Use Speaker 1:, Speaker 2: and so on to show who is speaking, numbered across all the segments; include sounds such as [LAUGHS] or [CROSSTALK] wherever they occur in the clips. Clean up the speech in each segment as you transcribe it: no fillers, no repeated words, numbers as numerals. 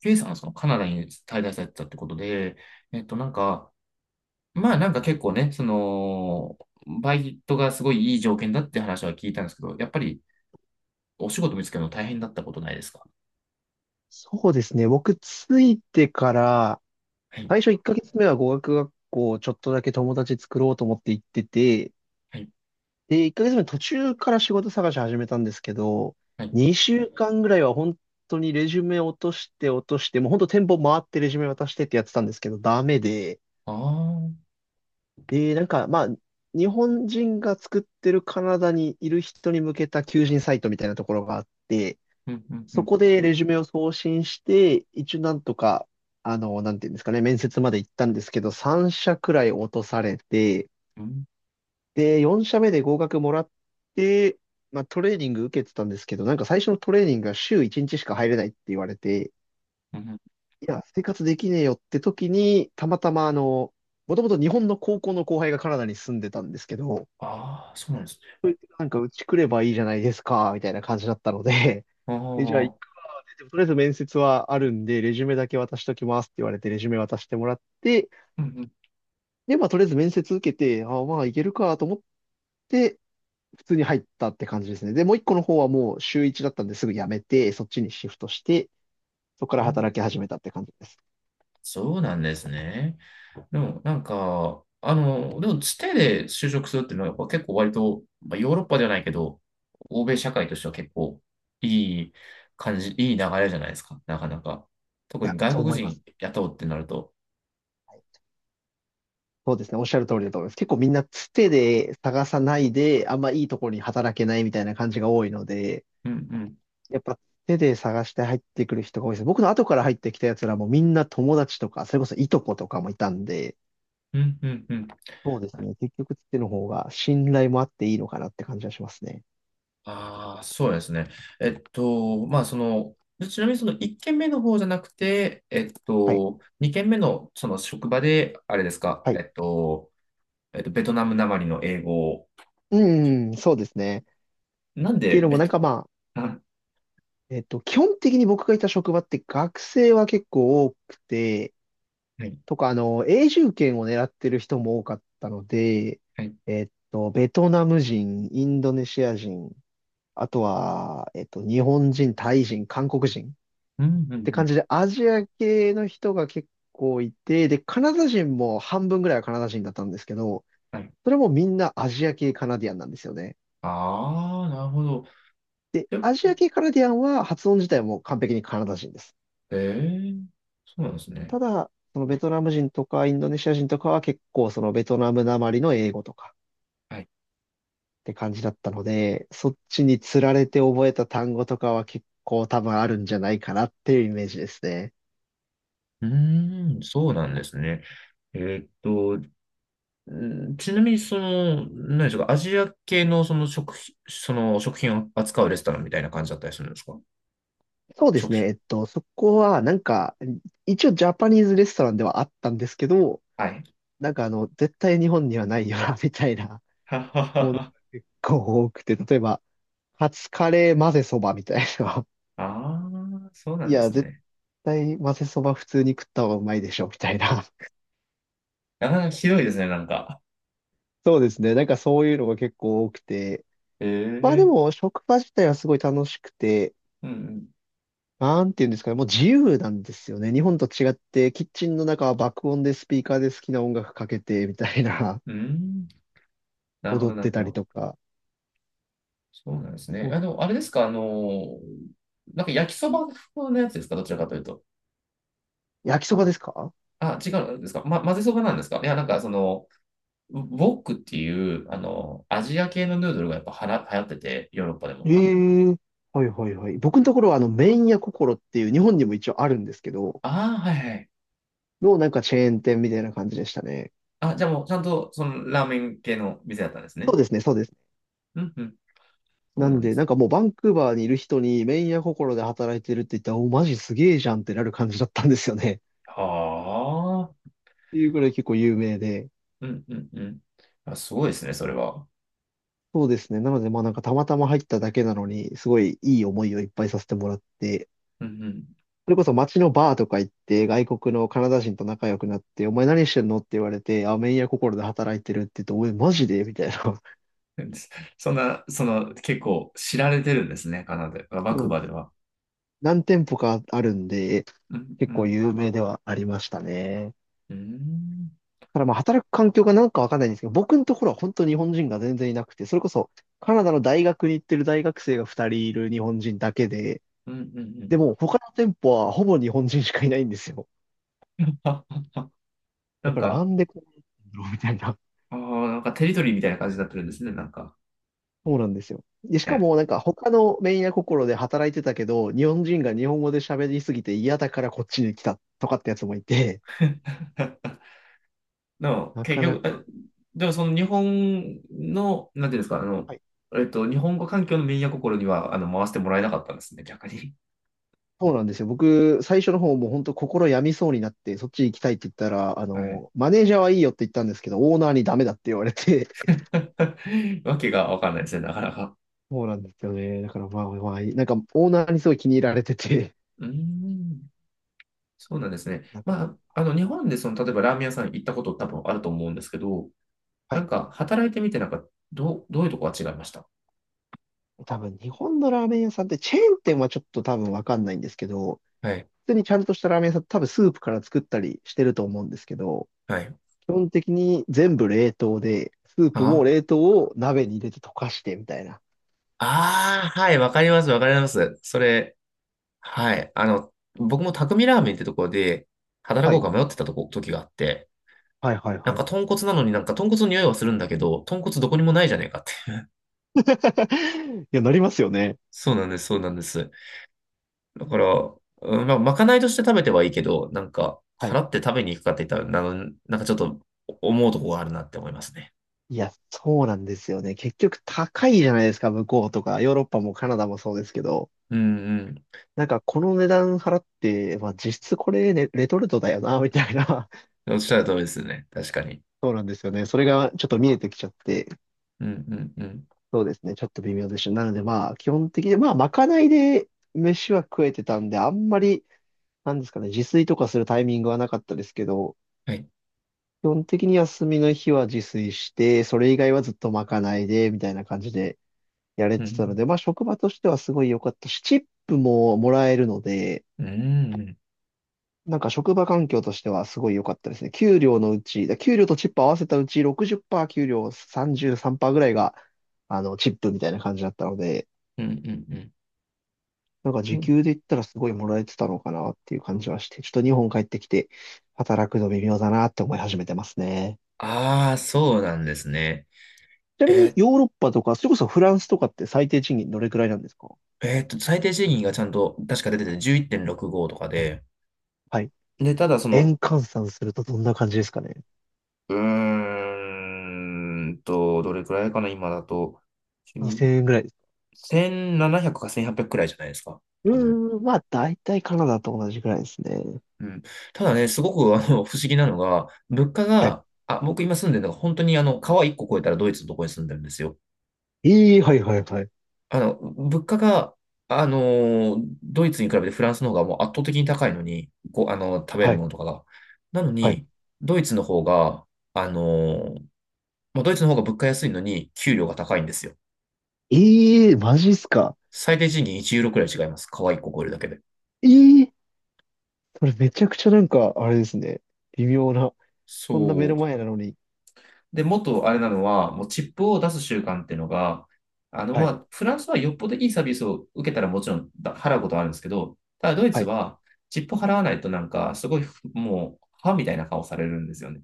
Speaker 1: K さんはそのカナダに滞在されてたってことで、なんか、まあなんか結構ね、その、バイトがすごいいい条件だって話は聞いたんですけど、やっぱりお仕事見つけるの大変だったことないですか？
Speaker 2: そうですね。僕、ついてから、
Speaker 1: はい、
Speaker 2: 最初1ヶ月目は語学学校、ちょっとだけ友達作ろうと思って行ってて、
Speaker 1: はい、
Speaker 2: で、1ヶ月目途中から仕事探し始めたんですけど、
Speaker 1: はい。
Speaker 2: 2週間ぐらいは本当にレジュメ落として落として、もう本当店舗回ってレジュメ渡してってやってたんですけど、ダメで、
Speaker 1: ああ、うん、
Speaker 2: で、なんか、まあ、日本人が作ってるカナダにいる人に向けた求人サイトみたいなところがあって、
Speaker 1: うん、う
Speaker 2: そ
Speaker 1: ん、
Speaker 2: こでレジュメを送信して、一応なんとか、なんていうんですかね、面接まで行ったんですけど、3社くらい落とされて、
Speaker 1: うん、
Speaker 2: で、4社目で合格もらって、まあトレーニング受けてたんですけど、なんか最初のトレーニングが週1日しか入れないって言われて、
Speaker 1: うん。
Speaker 2: いや、生活できねえよって時に、たまたまもともと日本の高校の後輩がカナダに住んでたんですけど、
Speaker 1: ああ、そうなんですね。
Speaker 2: なんかうち来ればいいじゃないですか、みたいな感じだったので、[LAUGHS]
Speaker 1: あ
Speaker 2: え、じゃあ
Speaker 1: あ、
Speaker 2: でもとりあえず面接はあるんで、レジュメだけ渡しときますって言われて、レジュメ渡してもらって、
Speaker 1: うん、うん。
Speaker 2: で、まあ、とりあえず面接受けて、いけるかと思って、普通に入ったって感じですね。で、もう一個の方はもう週一だったんですぐ辞めて、そっちにシフトして、そこか
Speaker 1: う
Speaker 2: ら
Speaker 1: ん、
Speaker 2: 働き始めたって感じです。
Speaker 1: そうなんですね。でも、なんか、あの、でも、つてで就職するっていうのは、やっぱ結構割と、まあ、ヨーロッパではないけど、欧米社会としては結構いい感じ、いい流れじゃないですか、なかなか。
Speaker 2: い
Speaker 1: 特
Speaker 2: や、
Speaker 1: に外
Speaker 2: そう
Speaker 1: 国
Speaker 2: 思いま
Speaker 1: 人
Speaker 2: す。
Speaker 1: 雇うってなると。
Speaker 2: はい。そうですね。おっしゃる通りだと思います。結構みんなつてで探さないで、あんまいいところに働けないみたいな感じが多いので、
Speaker 1: うんうん、
Speaker 2: やっぱ手で探して入ってくる人が多いです。僕の後から入ってきたやつらもみんな友達とか、それこそいとことかもいたんで、
Speaker 1: うん、うん、うん。
Speaker 2: そうですね。結局手の方が信頼もあっていいのかなって感じはしますね。
Speaker 1: ああ、そうですね。まあ、その、ちなみにその1件目の方じゃなくて、
Speaker 2: はい。
Speaker 1: 2件目のその職場で、あれですか、
Speaker 2: はい。
Speaker 1: ベトナムなまりの英語を、
Speaker 2: うん、そうですね。っ
Speaker 1: なん
Speaker 2: て
Speaker 1: で
Speaker 2: いうのも
Speaker 1: ベ
Speaker 2: なん
Speaker 1: ト、
Speaker 2: かまあ、
Speaker 1: あ、
Speaker 2: 基本的に僕がいた職場って学生は結構多くて、
Speaker 1: はい。
Speaker 2: とか、永住権を狙ってる人も多かったので、
Speaker 1: はい。
Speaker 2: ベトナム人、インドネシア人、あとは、日本人、タイ人、韓国人。っ
Speaker 1: うん、うん、う
Speaker 2: て感
Speaker 1: ん。
Speaker 2: じで、アジア系の人が結構いて、で、カナダ人も半分ぐらいはカナダ人だったんですけど、
Speaker 1: はい。
Speaker 2: それもみんなアジア系カナディアンなんですよね。
Speaker 1: ああ、なるほど。
Speaker 2: で、
Speaker 1: で、
Speaker 2: アジア系カナディアンは発音自体も完璧にカナダ人です。
Speaker 1: ええー、そうなんですね。
Speaker 2: ただ、そのベトナム人とかインドネシア人とかは結構そのベトナムなまりの英語とか
Speaker 1: はい。
Speaker 2: って感じだったので、そっちにつられて覚えた単語とかは結構多分あるんじゃないかなっていうイメージですね。
Speaker 1: うーん、そうなんですね。えーっと、うん、ちなみに、その、何でしょうか、アジア系のその食品、その食品を扱うレストランみたいな感じだったりするんですか？
Speaker 2: そうで
Speaker 1: 食
Speaker 2: すね。
Speaker 1: 種。
Speaker 2: そこは、なんか、一応ジャパニーズレストランではあったんですけど、
Speaker 1: はい。
Speaker 2: なんか絶対日本にはないよな、[LAUGHS] みたいな
Speaker 1: [LAUGHS] ははは
Speaker 2: ものが
Speaker 1: は。
Speaker 2: 結構多くて、例えば、カツカレー混ぜそばみたいな。
Speaker 1: ああ、そう
Speaker 2: [LAUGHS]
Speaker 1: な
Speaker 2: い
Speaker 1: んで
Speaker 2: や、
Speaker 1: す
Speaker 2: 絶
Speaker 1: ね。
Speaker 2: 対混ぜそば普通に食った方がうまいでしょ、みたいな。
Speaker 1: なかなかひどいですね、なんか。
Speaker 2: [LAUGHS] そうですね。なんかそういうのが結構多くて。
Speaker 1: え
Speaker 2: まあで
Speaker 1: えー、
Speaker 2: も、職場自体はすごい楽しくて、
Speaker 1: うん、
Speaker 2: なんていうんですかね、もう自由なんですよね。日本と違って、キッチンの中は爆音でスピーカーで好きな音楽かけて、みたいな。
Speaker 1: うん。うーん、なるほ
Speaker 2: 踊
Speaker 1: ど、
Speaker 2: っ
Speaker 1: なる
Speaker 2: て
Speaker 1: ほ
Speaker 2: たり
Speaker 1: ど。
Speaker 2: とか。
Speaker 1: そうなんです
Speaker 2: う
Speaker 1: ね。あ
Speaker 2: ん、
Speaker 1: の、あれですか、あの、なんか焼きそば風のやつですか、どちらかというと。
Speaker 2: 焼きそばですか？
Speaker 1: あ、違うんですか、ま、混ぜそばなんですか。いや、なんかその、ウウォックっていう、あの、アジア系のヌードルがやっぱはら流行ってて、ヨーロッパでも。
Speaker 2: ええ、はいはいはい。僕のところは麺屋心っていう日本にも一応あるんですけど、
Speaker 1: ああ、はいはい。
Speaker 2: のなんかチェーン店みたいな感じでしたね。
Speaker 1: あ、じゃあもうちゃんと、その、ラーメン系の店だったんです
Speaker 2: そ
Speaker 1: ね。
Speaker 2: うですね、そうですね。
Speaker 1: うんうん。そ
Speaker 2: な
Speaker 1: うな
Speaker 2: ん
Speaker 1: んで
Speaker 2: で、
Speaker 1: す
Speaker 2: なん
Speaker 1: ね。
Speaker 2: かもうバンクーバーにいる人に麺屋心で働いてるって言ったら、お、マジすげえじゃんってなる感じだったんですよね。
Speaker 1: はあ。
Speaker 2: [LAUGHS] っていうぐらい結構有名で。
Speaker 1: うんうんうん。あ、すごいですね、それは。
Speaker 2: そうですね。なので、まあなんかたまたま入っただけなのに、すごいいい思いをいっぱいさせてもらって、
Speaker 1: うん
Speaker 2: それこそ街のバーとか行って、外国のカナダ人と仲良くなって、お前何してんのって言われて、あ、麺屋心で働いてるって言って、おい、マジでみたいな。[LAUGHS]
Speaker 1: うん。[LAUGHS] そんな、その、結構知られてるんですね、カナダ、バン
Speaker 2: そ
Speaker 1: クー
Speaker 2: うな
Speaker 1: バ
Speaker 2: んで
Speaker 1: ー
Speaker 2: す。
Speaker 1: では。
Speaker 2: 何店舗かあるんで、
Speaker 1: うんう
Speaker 2: 結構
Speaker 1: ん、
Speaker 2: 有名ではありましたね。
Speaker 1: うーん。
Speaker 2: ただまあ、働く環境がなんかわかんないんですけど、僕のところは本当日本人が全然いなくて、それこそカナダの大学に行ってる大学生が2人いる日本人だけで、
Speaker 1: うんうんうん。
Speaker 2: でも他の店舗はほぼ日本人しかいないんですよ。
Speaker 1: あ、な
Speaker 2: だ
Speaker 1: ん
Speaker 2: からな
Speaker 1: か、
Speaker 2: んでこうなってんだろうみたいな。
Speaker 1: なんかテリトリーみたいな感じになってるんですね、なんか。
Speaker 2: そうなんですよ。で、しか
Speaker 1: え
Speaker 2: もなんか他のメンヤ心で働いてたけど、日本人が日本語で喋りすぎて嫌だからこっちに来たとかってやつもいて、
Speaker 1: え。 [LAUGHS] でも、
Speaker 2: な
Speaker 1: 結
Speaker 2: かな
Speaker 1: 局、
Speaker 2: か。
Speaker 1: でもその日本の、なんていうんですか、あの、
Speaker 2: はい、
Speaker 1: 日本語環境のミー心には、あの、回してもらえなかったんですね、逆に。
Speaker 2: そうなんですよ。僕、最初の方も本当心病みそうになって、そっち行きたいって言ったら、
Speaker 1: はい。
Speaker 2: マネージャーはいいよって言ったんですけど、オーナーにダメだって言われて、
Speaker 1: [LAUGHS] わけがわかんないですね、なかなか。
Speaker 2: [LAUGHS] そうなんですよね。だからまあまあ、なんかオーナーにすごい気に入られてて、
Speaker 1: うーん、そうなんですね。
Speaker 2: なんか、
Speaker 1: まあ、あの、日本でその、例えばラーメン屋さん行ったこと多分あると思うんですけど、
Speaker 2: は
Speaker 1: な
Speaker 2: い。
Speaker 1: んか、働いてみて、なんか、どういうとこが違いました？
Speaker 2: 多分日本のラーメン屋さんってチェーン店はちょっと多分わかんないんですけど、
Speaker 1: はい。
Speaker 2: 普通にちゃんとしたラーメン屋さん、多分スープから作ったりしてると思うんですけど、
Speaker 1: はい。
Speaker 2: 基本的に全部冷凍で、スープも
Speaker 1: あ
Speaker 2: 冷凍を鍋に入れて溶かしてみたいな。
Speaker 1: ああ、はい、わかります、わかります。それ、はい。あの、僕も匠ラーメンってとこで、働
Speaker 2: は
Speaker 1: こう
Speaker 2: い。
Speaker 1: か迷ってた時があって、
Speaker 2: はいはい
Speaker 1: なん
Speaker 2: はい。
Speaker 1: か豚骨なのになんか豚骨の匂いはするんだけど、豚骨どこにもないじゃねえかって。[LAUGHS]
Speaker 2: [LAUGHS] いや、なりますよね。
Speaker 1: そうなんです、そうなんです。だから、うん、まあ、まかないとして食べてはいいけど、なんか、
Speaker 2: はい。
Speaker 1: 払って食べに行くかって言ったら、なんかちょっと思うとこがあるなって思いますね。
Speaker 2: いや、そうなんですよね。結局高いじゃないですか、向こうとか、ヨーロッパもカナダもそうですけど。
Speaker 1: うん
Speaker 2: なんか、この値段払って、まあ、実質これ、ね、レトルトだよな、みたいな。[LAUGHS]
Speaker 1: うん。おっしゃる通りですね。確かに。
Speaker 2: そうなんですよね。それがちょっと見えてきちゃって、
Speaker 1: うんうんうん。
Speaker 2: そうですね。ちょっと微妙でした。なのでまあ、基本的に、まあ、まかないで飯は食えてたんで、あんまり、なんですかね、自炊とかするタイミングはなかったですけど、
Speaker 1: はい。
Speaker 2: 基本的に休みの日は自炊して、それ以外はずっとまかないで、みたいな感じでやれ
Speaker 1: う
Speaker 2: てたの
Speaker 1: ん。
Speaker 2: で、まあ、職場としてはすごい良かったし、チップももらえるので、
Speaker 1: うんうんうん。
Speaker 2: なんか職場環境としてはすごい良かったですね。給料のうち、給料とチップ合わせたうち60%、給料33%ぐらいが、チップみたいな感じだったので、
Speaker 1: うんうんうん。
Speaker 2: なんか時給で言ったらすごいもらえてたのかなっていう感じはして、ちょっと日本帰ってきて働くの微妙だなって思い始めてますね。
Speaker 1: ああ、そうなんですね。
Speaker 2: ちなみに
Speaker 1: え
Speaker 2: ヨーロッパとか、それこそフランスとかって最低賃金どれくらいなんですか？
Speaker 1: 最低賃金がちゃんと確か出てて11.65とかで、
Speaker 2: はい。
Speaker 1: で、ただその、
Speaker 2: 円換算するとどんな感じですかね？
Speaker 1: うーどれくらいかな、今だと、10
Speaker 2: 2000 円ぐらいです？
Speaker 1: 1,700か1,800くくらいじゃないですか、
Speaker 2: う
Speaker 1: 多分。
Speaker 2: ーん、まあ大体カナダと同じくらいですね。
Speaker 1: うん。ただね、すごくあの不思議なのが、物価
Speaker 2: はい。
Speaker 1: が、あ、僕今住んでるのが本当にあの、川1個越えたらドイツのとこに住んでるんですよ。
Speaker 2: ええ、はいはいはい。
Speaker 1: あの、物価が、あのドイツに比べてフランスの方がもう圧倒的に高いのに、こう、あの、食べる
Speaker 2: はい。
Speaker 1: ものとかが。なの
Speaker 2: はい。
Speaker 1: に、ドイツの方が、あのドイツの方が物価安いのに、給料が高いんですよ。
Speaker 2: ええ、マジっすか。
Speaker 1: 最低賃金1ユーロくらい違います。可愛い子超えるだけで。
Speaker 2: ええ、それめちゃくちゃなんか、あれですね。微妙な。そんな目
Speaker 1: そ
Speaker 2: の
Speaker 1: う。
Speaker 2: 前なのに。
Speaker 1: で、もっとあれなのは、もうチップを出す習慣っていうのが、あの、
Speaker 2: は
Speaker 1: ま
Speaker 2: い。
Speaker 1: あ、フランスはよっぽどいいサービスを受けたらもちろんだ払うことはあるんですけど、ただドイ
Speaker 2: は
Speaker 1: ツ
Speaker 2: い。
Speaker 1: はチップ払わないとなんか、すごいもう、歯みたいな顔されるんですよね。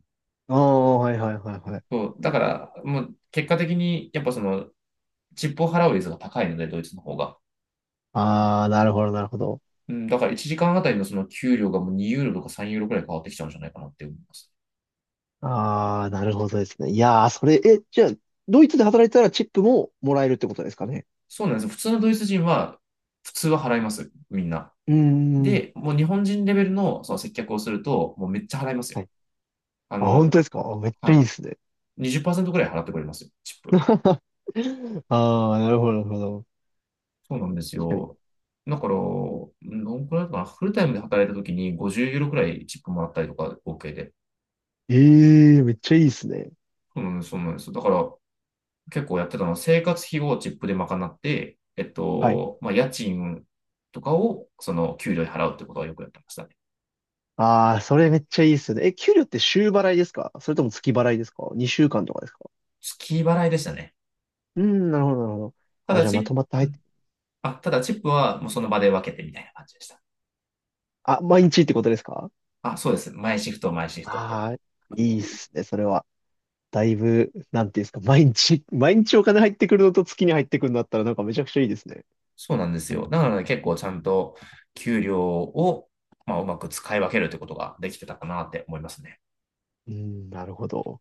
Speaker 2: ああ、はいはいはいはい。
Speaker 1: そう、だから、もう結果的に、やっぱその、チップを払う率が高いので、ドイツの方が。
Speaker 2: ああ、なるほどなるほど。
Speaker 1: うん、だから1時間あたりのその給料がもう2ユーロとか3ユーロくらい変わってきちゃうんじゃないかなって思います。
Speaker 2: ああ、なるほどですね。いやー、それ、え、じゃあ、ドイツで働いてたらチップももらえるってことですかね。
Speaker 1: そうなんですよ。普通のドイツ人は、普通は払います。みんな。
Speaker 2: うーん。
Speaker 1: で、もう日本人レベルのその接客をすると、もうめっちゃ払いますよ。
Speaker 2: はい。
Speaker 1: あ
Speaker 2: あ、本
Speaker 1: の、
Speaker 2: 当ですかあ、めっち
Speaker 1: は
Speaker 2: ゃいい
Speaker 1: い。
Speaker 2: ですね。
Speaker 1: 20%ぐらい払ってくれますよ、チップ。
Speaker 2: [LAUGHS] ああ、なるほどなるほど。
Speaker 1: そうなんです
Speaker 2: 確かに。
Speaker 1: よ。だから、どんくらいかな、フルタイムで働いたときに50ユーロくらいチップもらったりとか、合計で。
Speaker 2: ええ、めっちゃいいですね。
Speaker 1: そうなんです、そうなんです。だから、結構やってたのは、生活費をチップで賄って、
Speaker 2: はい。
Speaker 1: まあ、家賃とかを、その、給料で払うってことはよくやってましたね。
Speaker 2: ああ、それめっちゃいいですね。え、給料って週払いですか、それとも月払いですか？ 2 週間とかですか？
Speaker 1: 月払いでしたね。
Speaker 2: うーん、なるほどなるほど。
Speaker 1: た
Speaker 2: あ、
Speaker 1: だ
Speaker 2: じゃあまとまって入っ
Speaker 1: プ、
Speaker 2: て、
Speaker 1: チップはもうその場で分けてみたいな感じでした。
Speaker 2: あ、毎日ってことですか？
Speaker 1: あ、そうです。毎シフト、毎シフトって。
Speaker 2: ああー、いいっすね、それは。だいぶ、なんていうんですか、毎日、毎日お金入ってくるのと月に入ってくるんだったらなんかめちゃくちゃいいですね。
Speaker 1: そうなんですよ。だからね、結構ちゃんと給料を、まあ、うまく使い分けるってことができてたかなって思いますね。
Speaker 2: うん、なるほど。